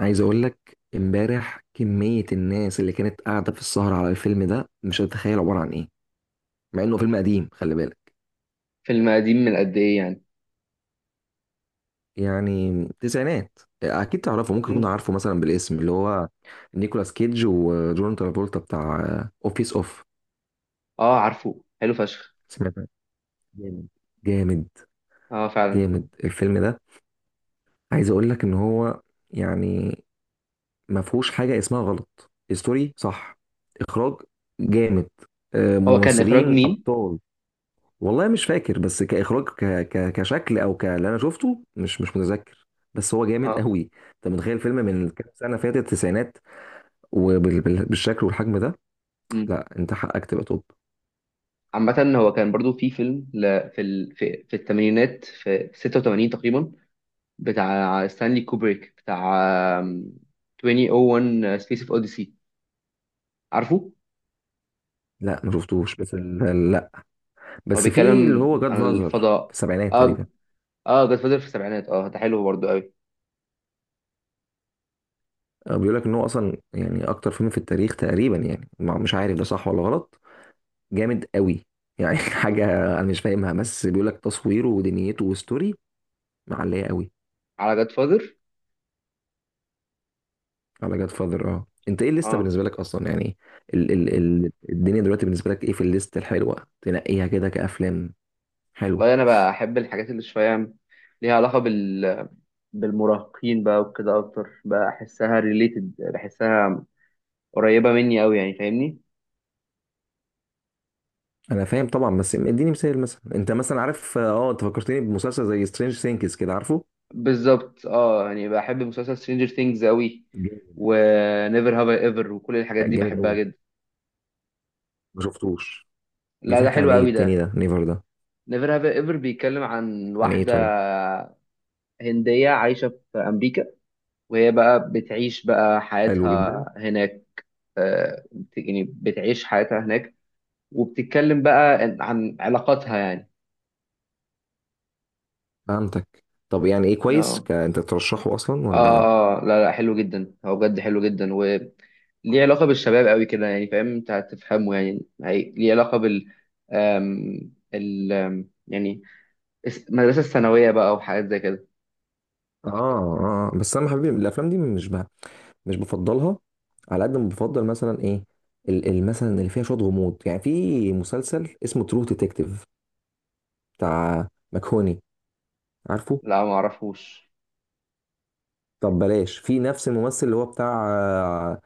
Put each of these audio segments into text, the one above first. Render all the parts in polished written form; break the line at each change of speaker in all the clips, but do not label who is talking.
عايز اقول لك، امبارح كمية الناس اللي كانت قاعدة في السهرة على الفيلم ده مش هتتخيل عبارة عن ايه. مع انه فيلم قديم، خلي بالك.
فيلم قديم من قد ايه يعني؟
يعني تسعينات، اكيد تعرفه، ممكن تكون
امم
عارفه مثلا بالاسم، اللي هو نيكولاس كيدج وجون ترافولتا بتاع اوفيس اوف.
اه، عارفه، حلو فشخ.
سمعت عنه؟ جامد. جامد.
اه، فعلا.
جامد الفيلم ده. عايز اقول لك ان هو، يعني، ما فيهوش حاجة اسمها غلط. ستوري صح، اخراج جامد.
هو كان اخراج
ممثلين
مين؟
ابطال. والله مش فاكر، بس كاخراج كشكل او ك اللي انا شفته مش متذكر. بس هو جامد
اه.
قوي. انت متخيل فيلم من كام سنه فاتت، التسعينات؟ وبالشكل والحجم ده.
امم
لا، انت حقك تبقى توب.
عامة، هو كان برضو في فيلم ل... في ال... في, في الثمانينات، في 86 تقريبا، بتاع ستانلي كوبريك، بتاع آم، 2001 سبيس اوف اوديسي، عارفه؟
لا ما شفتوش، بس لا.
هو
بس في اللي
بيتكلم
هو جاد
عن
فازر في
الفضاء؟
السبعينات
اه.
تقريبا.
اه، جاد فاذر في السبعينات، اه ده حلو برضو قوي.
بيقول لك ان هو اصلا، يعني، اكتر فيلم في التاريخ تقريبا. يعني مش عارف ده صح ولا غلط. جامد قوي. يعني حاجه، انا مش فاهمها، بس بيقول لك تصويره ودنيته وستوري معليه قوي.
على جاد فاذر.
على جاد فاذر. اه، انت ايه الليسته
اه.
بالنسبه لك اصلا، يعني، ال ال ال الدنيا دلوقتي بالنسبه لك، ايه في الليسته الحلوه تنقيها كده كافلام حلوه؟
والله، انا بحب الحاجات اللي شويه ليها علاقه بالمراهقين بقى وكده اكتر، بقى احسها ريليتد، بحسها قريبه مني قوي، يعني فاهمني؟
انا فاهم طبعا، بس اديني مثال مثلا. انت مثلا عارف، انت فكرتني بمسلسل زي سترينج ثينكس كده، عارفه؟
بالظبط، اه، يعني بحب مسلسل سترينجر ثينجز قوي،
جامد.
ونيفر هاف ايفر، وكل الحاجات دي
جامد
بحبها
قوي.
جدا.
ما شفتوش.
لا، ده
بيحكي عن
حلو
ايه
قوي
التاني
ده.
ده، نيفر ده؟
نيفر هاف ايفر بيتكلم عن
عن ايه
واحده
طيب؟
هنديه عايشه في امريكا، وهي بقى بتعيش بقى
حلو
حياتها
جدا.
هناك. آه، يعني بتعيش حياتها هناك، وبتتكلم بقى عن علاقاتها، يعني.
فهمتك. طب يعني ايه، كويس؟
اه
انت ترشحه اصلا ولا، اه
اه اه، لا لا، حلو جدا، هو بجد حلو جدا، وليه علاقة بالشباب قوي كده، يعني فاهم، انت هتفهمه، يعني هي ليه علاقة بال آم... ال آم، يعني المدرسة الثانوية بقى وحاجات زي كده.
اه؟ آه. بس انا حبيبي، الافلام دي مش بقى، مش بفضلها. على قد ما بفضل مثلا ايه، مثلا اللي فيها شويه غموض. يعني في مسلسل اسمه ترو ديتكتيف، بتاع مكهوني. عارفه؟
لا، ما اعرفوش.
طب بلاش، في نفس الممثل اللي هو بتاع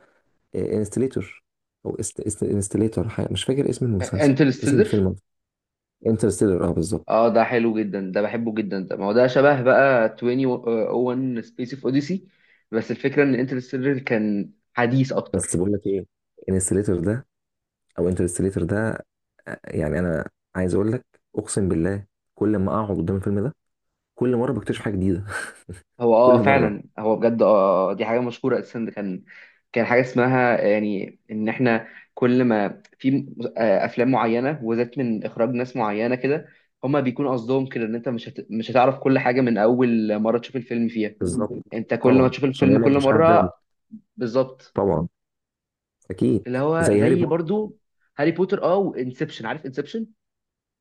انستليتور، او انستليتور، مش فاكر اسم المسلسل، اسم
انترستيلر،
الفيلم. انترستيلر، اه، بالظبط.
اه ده حلو جدا ده، بحبه جدا ده، ما هو ده شبه بقى 2001 سبيس اوف اوديسي، بس الفكرة ان انترستيلر كان حديث
بس
اكتر.
بقول لك ايه، انستليتور ده، او انترستيلر ده، يعني انا عايز اقول لك، اقسم بالله، كل ما اقعد قدام الفيلم ده، كل مره بكتشف حاجه جديده.
هو
كل
اه
مره.
فعلا، هو بجد اه، دي حاجه مشهوره اساسا، ده كان كان حاجه اسمها، يعني ان احنا كل ما في افلام معينه وذات من اخراج ناس معينه كده، هما بيكون قصدهم كده ان انت مش هتعرف كل حاجه من اول مره تشوف الفيلم فيها،
بالظبط.
انت كل ما
طبعا
تشوف
عشان
الفيلم
يعمل
كل
مشاهد
مره.
دولي.
بالظبط،
طبعا. اكيد.
اللي هو
زي هاري
زي
بوتر.
برضو هاري بوتر، اه، وانسبشن، عارف انسبشن؟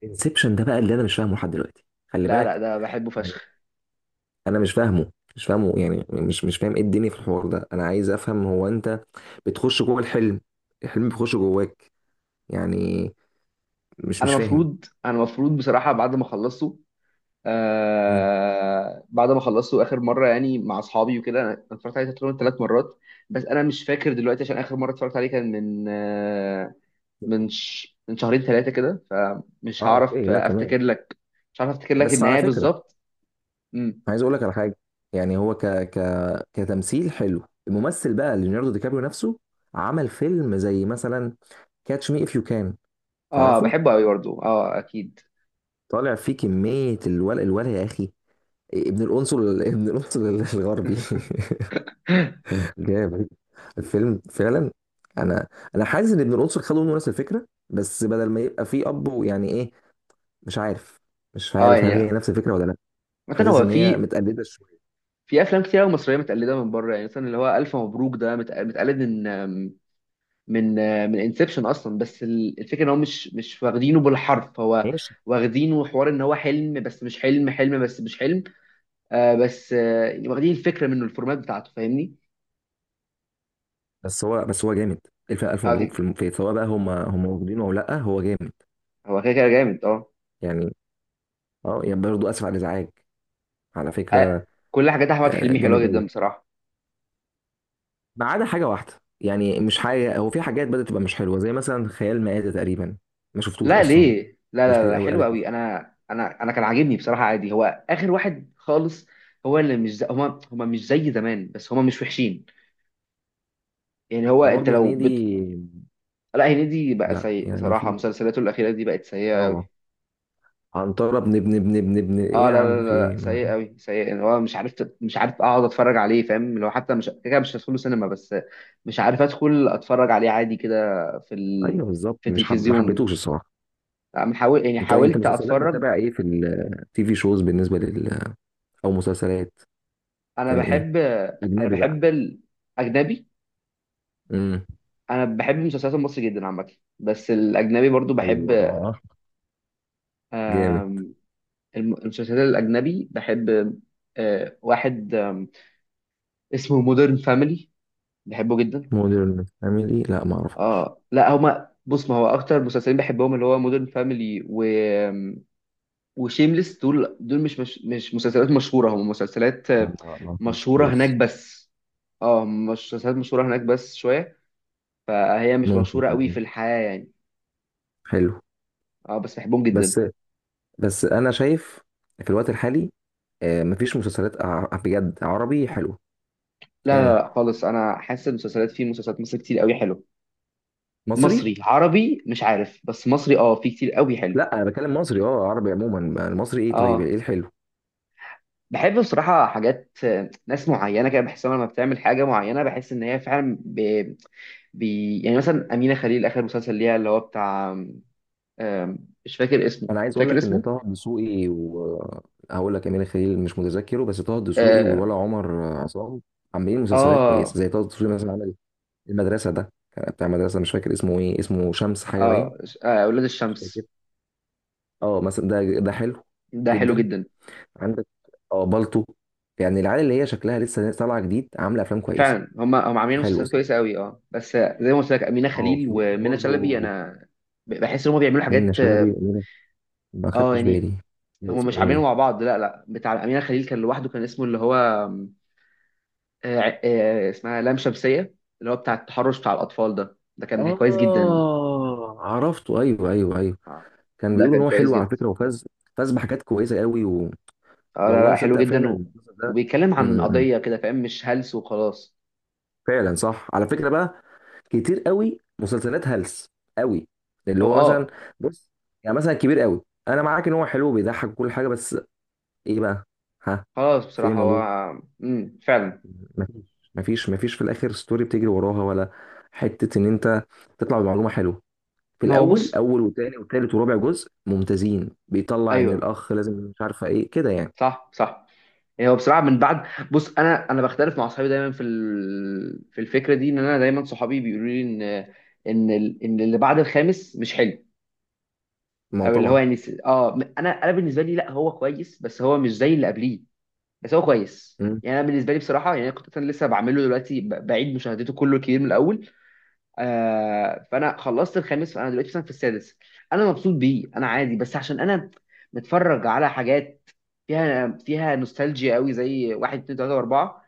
انسبشن ده بقى اللي انا مش فاهمه لحد دلوقتي، خلي
لا لا،
بالك.
ده بحبه
يعني
فشخ.
انا مش فاهمه، يعني مش فاهم ايه الدنيا في الحوار ده. انا عايز افهم، هو انت بتخش جوه الحلم، الحلم بيخش جواك؟ يعني، مش
انا
مش فاهم.
مفروض انا مفروض بصراحه، بعد ما خلصته،
مم.
بعد ما خلصته اخر مره، يعني مع اصحابي وكده، انا اتفرجت عليه تقريبا 3 مرات. بس انا مش فاكر دلوقتي، عشان اخر مره اتفرجت عليه كان من من 2 3 كده، فمش
اه، اوكي،
هعرف
لا، تمام.
افتكر لك، مش هعرف افتكر لك
بس على
النهايه
فكره،
بالظبط. امم
عايز اقول لك على حاجه. يعني هو، ك ك كتمثيل حلو. الممثل بقى ليوناردو دي كابريو نفسه، عمل فيلم زي مثلا كاتش مي اف يو كان،
اه،
تعرفه؟
بحبه قوي برضه، اه اكيد.
طالع فيه كمية الولع، الولع يا أخي! ابن القنصل، ابن القنصل الغربي. جامد الفيلم فعلا. أنا أنا حاسس إن ابن القنصل خدوا منه نفس الفكرة، بس بدل ما يبقى فيه أب ويعني إيه، مش عارف، مش
اه،
عارف هل هي
يعني
نفس الفكرة ولا لأ.
مثلا
حاسس
هو
إن هي
في
متقلدة شوية.
في افلام كتير قوي مصريه متقلده من بره، يعني مثلا اللي هو الف مبروك ده متقلد من من انسبشن اصلا، بس الفكره ان هو مش واخدينه بالحرف، هو
ماشي.
واخدينه حوار ان هو حلم بس مش حلم، حلم بس مش حلم، بس يعني واخدين الفكره منه، الفورمات بتاعته، فاهمني؟
بس هو جامد. ألف ألف
على
مبروك، في
فكرة،
في، سواء بقى هم واخدينه أو لأ، هو جامد.
هو كده كده جامد اه.
يعني، يعني، برضه آسف على الإزعاج، على
آه،
فكرة،
كل حاجات احمد حلمي حلوه
جامد أوي.
جدا بصراحه.
ما عدا حاجه واحده، يعني مش حاجه، هو في حاجات بدات تبقى مش حلوه، زي مثلا خيال مآتة تقريبا. ما شفتوش
لا،
اصلا.
ليه؟ لا
ناس
لا
كتير
لا،
قوي
حلو
قالت لي.
قوي، انا كان عاجبني بصراحه، عادي هو اخر واحد خالص، هو اللي مش زي، هما مش زي زمان، بس هما مش وحشين، يعني هو انت
برضه
لو
هنيدي.
لا، هنيدي بقى
لا،
سيء
يعني
بصراحه،
في،
مسلسلاته الاخيره دي بقت سيئه.
اه، عنترة ابن ايه
اه،
يا
لا لا
عم، في
لا
إيه؟
لا، سيء
ما...
قوي سيء، اللي هو مش عارف مش عارف اقعد اتفرج عليه، فاهم؟ اللي هو حتى مش كده كده مش هدخله سينما، بس مش عارف ادخل اتفرج عليه عادي كده في ال...
ايوه
في
بالظبط. مش حب... ما
التلفزيون.
حبيتوش الصراحه.
لا، من حاول، يعني
انت
حاولت
مسلسلات
اتفرج،
بتتابع ايه في التي في شوز بالنسبه لل، او مسلسلات،
انا
كان ايه،
بحب انا
اجنبي بقى؟
بحب الاجنبي،
امم.
انا بحب المسلسلات المصري جدا عامه، بس الاجنبي برضو بحب.
الله. جامد.
آم، المسلسلات الاجنبي بحب، واحد اسمه مودرن فاميلي، بحبه جدا.
مودرن فاميلي؟ لا ما اعرفوش.
اه، لا هما بص، ما هو اكتر مسلسلين بحبهم اللي هو مودرن فاميلي و وشيمليس، دول دول مش مسلسلات مشهوره، هم مسلسلات
لا، ما أعرفوش
مشهوره هناك
خالص.
بس، اه مش مسلسلات مشهوره هناك بس شويه، فهي مش
ممكن
مشهوره قوي
كمان،
في الحياه، يعني.
حلو.
اه، بس بحبهم جدا.
بس، بس انا شايف، في الوقت الحالي، مفيش مسلسلات بجد عربي حلوه.
لا لا
يعني
لا، خالص، انا حاسس المسلسلات في مسلسلات مصر كتير قوي حلو.
مصري.
مصري، عربي، مش عارف بس مصري اه في كتير قوي حلو.
لا، انا بتكلم مصري عربي عموما. المصري ايه؟
اه،
طيب ايه الحلو؟
بحب بصراحة حاجات، ناس معينة كده بحس لما بتعمل حاجة معينة، بحس إن هي فعلا يعني مثلا أمينة خليل، آخر مسلسل ليها اللي هو بتاع مش فاكر اسمه،
انا عايز اقول
فاكر
لك ان
اسمه؟
طه دسوقي، وهقول لك امير خليل مش متذكره، بس طه دسوقي
آه،
والولا عمر عصام عاملين مسلسلات كويسه.
آه
زي طه دسوقي مثلا، عمل المدرسه. ده كان بتاع مدرسه، مش فاكر اسمه ايه، اسمه شمس حاجه، باين.
آه، آه، أولاد
مش فاكر.
الشمس.
اه مثلا ده حلو
ده حلو
جدا.
جدا،
عندك، اه، بالطو، يعني العيال اللي هي شكلها لسه طالعه جديد، عامله افلام كويسه.
فعلا هم عاملين
حلو
مسلسلات
اسمه ده.
كويسة قوي، اه بس زي ما قلت لك أمينة
اه،
خليل
في احنا
ومنى شلبي.
برضو
أنا بحس إن هم بيعملوا
منة
حاجات،
شلبي
اه.
وأمينة-، ما خدتش
يعني
بالي. ده
هم مش
اسمه
عاملينه
ايه؟
مع بعض، لا لا، بتاع أمينة خليل كان لوحده، كان اسمه اللي هو آم، آه آه، اسمها لام شمسية، اللي هو بتاع التحرش بتاع الأطفال، ده كان كويس جدا.
اه عرفته، ايوه، ايوه، ايوه.
آه،
كان
ده
بيقولوا ان
كان
هو
كويس
حلو
جدا.
على فكره، وفاز. فاز بحاجات كويسه قوي و...
اه، لا
والله
لا، حلو
صدق
جدا،
فعلا
و...
المسلسل ده.
وبيتكلم
م-
عن
م.
قضية كده، فاهم؟ مش هلس وخلاص.
فعلا صح. على فكره بقى، كتير قوي مسلسلات هلس، قوي. اللي
هو
هو مثلا،
اه،
بص، يعني مثلا كبير قوي. انا معاك ان هو حلو وبيضحك وكل حاجه، بس ايه بقى؟ ها؟
خلاص
فين
بصراحة هو،
الموضوع؟
فعلا.
مفيش. مفيش في الاخر ستوري بتجري وراها، ولا حته ان انت تطلع بمعلومه حلوه. في
ما هو
الاول،
بص،
اول وتاني وتالت ورابع جزء ممتازين، بيطلع ان
ايوه،
الاخ لازم مش عارفه ايه كده، يعني.
صح، صح. يعني هو بصراحة من بعد، بص، انا بختلف مع اصحابي دايما في في الفكرة دي، ان انا دايما صحابي بيقولوا لي ان ان اللي بعد الخامس مش حلو،
ما هو
او اللي هو
طبعا.
يعني انا بالنسبة لي، لا هو كويس بس هو مش زي اللي قبليه، بس هو كويس،
مم.
يعني انا بالنسبة لي بصراحة، يعني أنا كنت انا لسه بعمله دلوقتي، بعيد مشاهدته كله كتير من الاول. فانا خلصت الخامس، فانا دلوقتي مثلا في السادس، انا مبسوط بيه، انا عادي، بس عشان انا متفرج على حاجات فيها نوستالجيا قوي زي واحد اتنين تلاته واربعه،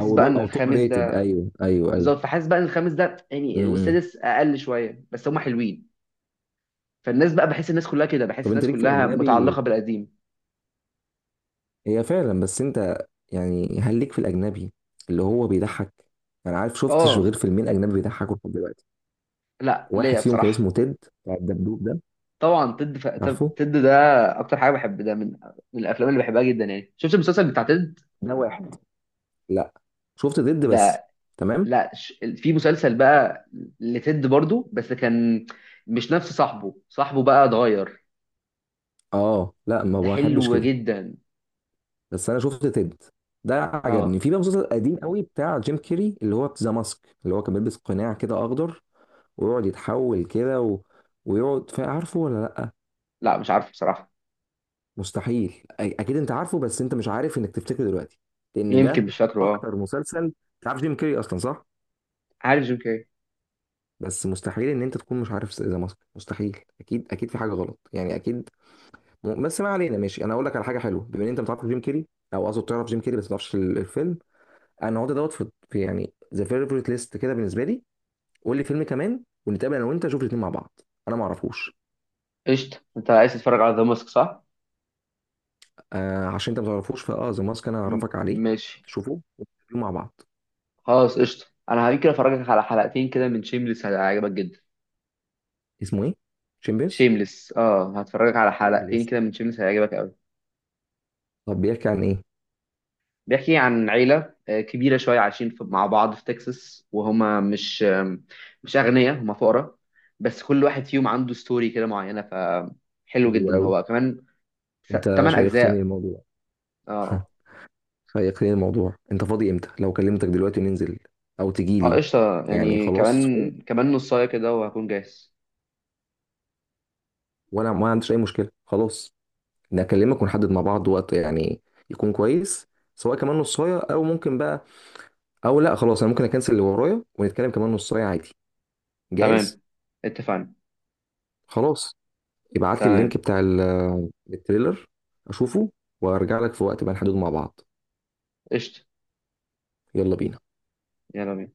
او
بقى ان
او توب
الخامس
ريتد،
ده،
ايوه، ايوه، ايوه.
بالظبط، فحاسس بقى ان الخامس ده يعني،
امم.
والسادس اقل شويه، بس هما حلوين، فالناس بقى، بحس الناس كلها كده، بحس
طب انت
الناس
ليك في
كلها
الاجنبي؟
متعلقه بالقديم.
هي فعلا، بس انت، يعني هل ليك في الاجنبي اللي هو بيضحك؟ انا عارف شفتش غير
اه،
فيلمين اجنبي بيضحكوا لحد دلوقتي.
لا
واحد
ليا
فيهم كان
بصراحه.
اسمه تيد، بتاع الدبدوب ده.
طبعا تد
عارفه؟
تد ده اكتر حاجه بحب ده من الافلام اللي بحبها جدا، يعني شفت المسلسل بتاع تد
ده واحد. لا، شفت تد بس.
ده؟
تمام.
لا، في مسلسل بقى لتد برضو، بس كان مش نفس صاحبه، صاحبه بقى اتغير،
اه لا، ما
ده
بحبش
حلو
كده.
جدا.
بس انا شفت تد ده
اه،
عجبني. في بقى مسلسل قديم قوي بتاع جيم كيري اللي هو ذا ماسك، اللي هو كان بيلبس قناع كده اخضر ويقعد يتحول كده و... ويقعد عارفه ولا لا؟
لا مش عارف بصراحة،
مستحيل اكيد انت عارفه، بس انت مش عارف انك تفتكره دلوقتي، لان
يمكن
ده
مش فاكره، اه.
اكتر مسلسل. انت عارف جيم كيري اصلا، صح؟
عارف جيم كاري.
بس مستحيل ان انت تكون مش عارف ذا ماسك، مستحيل، اكيد اكيد، في حاجه غلط يعني، اكيد. بس ما علينا. ماشي، انا اقول لك على حاجه حلوه، بما ان انت ما تعرفش جيم كيري، او اقصد تعرف جيم كيري بس ما تعرفش الفيلم. انا هقعد دوت في يعني ذا فيفورت ليست كده بالنسبه لي. قول لي فيلم كمان، ونتقابل انا وانت نشوف الاثنين مع بعض. انا ما اعرفوش.
قشطة، انت عايز تتفرج على ذا ماسك، صح؟
عشان انت ما تعرفوش فاه ذا ماسك، انا هعرفك عليه.
ماشي.
شوفه ونتقابل مع بعض.
خلاص قشطة، انا هيمكن افرجك على حلقتين كده من شيمليس، هيعجبك جدا.
اسمه ايه؟ شيمبيرز؟
شيمليس، اه، هتفرجك على حلقتين
شيمليس.
كده من شيمليس هيعجبك قوي.
طب بيحكي عن ايه؟
بيحكي عن عيلة كبيرة شوية عايشين مع بعض في تكساس، وهما مش مش أغنياء، هما فقراء، بس كل واحد فيهم عنده ستوري كده معينة، فحلو
حلو
جدا
قوي.
هو كمان،
انت
تمن
شيقتني
أجزاء
الموضوع.
اه
شيقتني الموضوع. انت فاضي امتى؟ لو كلمتك دلوقتي وننزل، او تجي
اه،
لي.
قشطة،
يعني
يعني
خلاص،
كمان كمان نصاية كده وهكون جاهز.
وانا ما عنديش اي مشكله، خلاص. نكلمك ونحدد مع بعض وقت يعني، يكون كويس. سواء كمان نصايه، او ممكن بقى، او لا خلاص، انا ممكن اكنسل اللي ورايا ونتكلم كمان نصايه عادي. جاهز.
تمام، اتفقنا.
خلاص. ابعت لي
تمام،
اللينك بتاع التريلر، اشوفه، وارجع لك في وقت بقى نحدده مع بعض.
قشطة،
يلا بينا.
يلا بينا.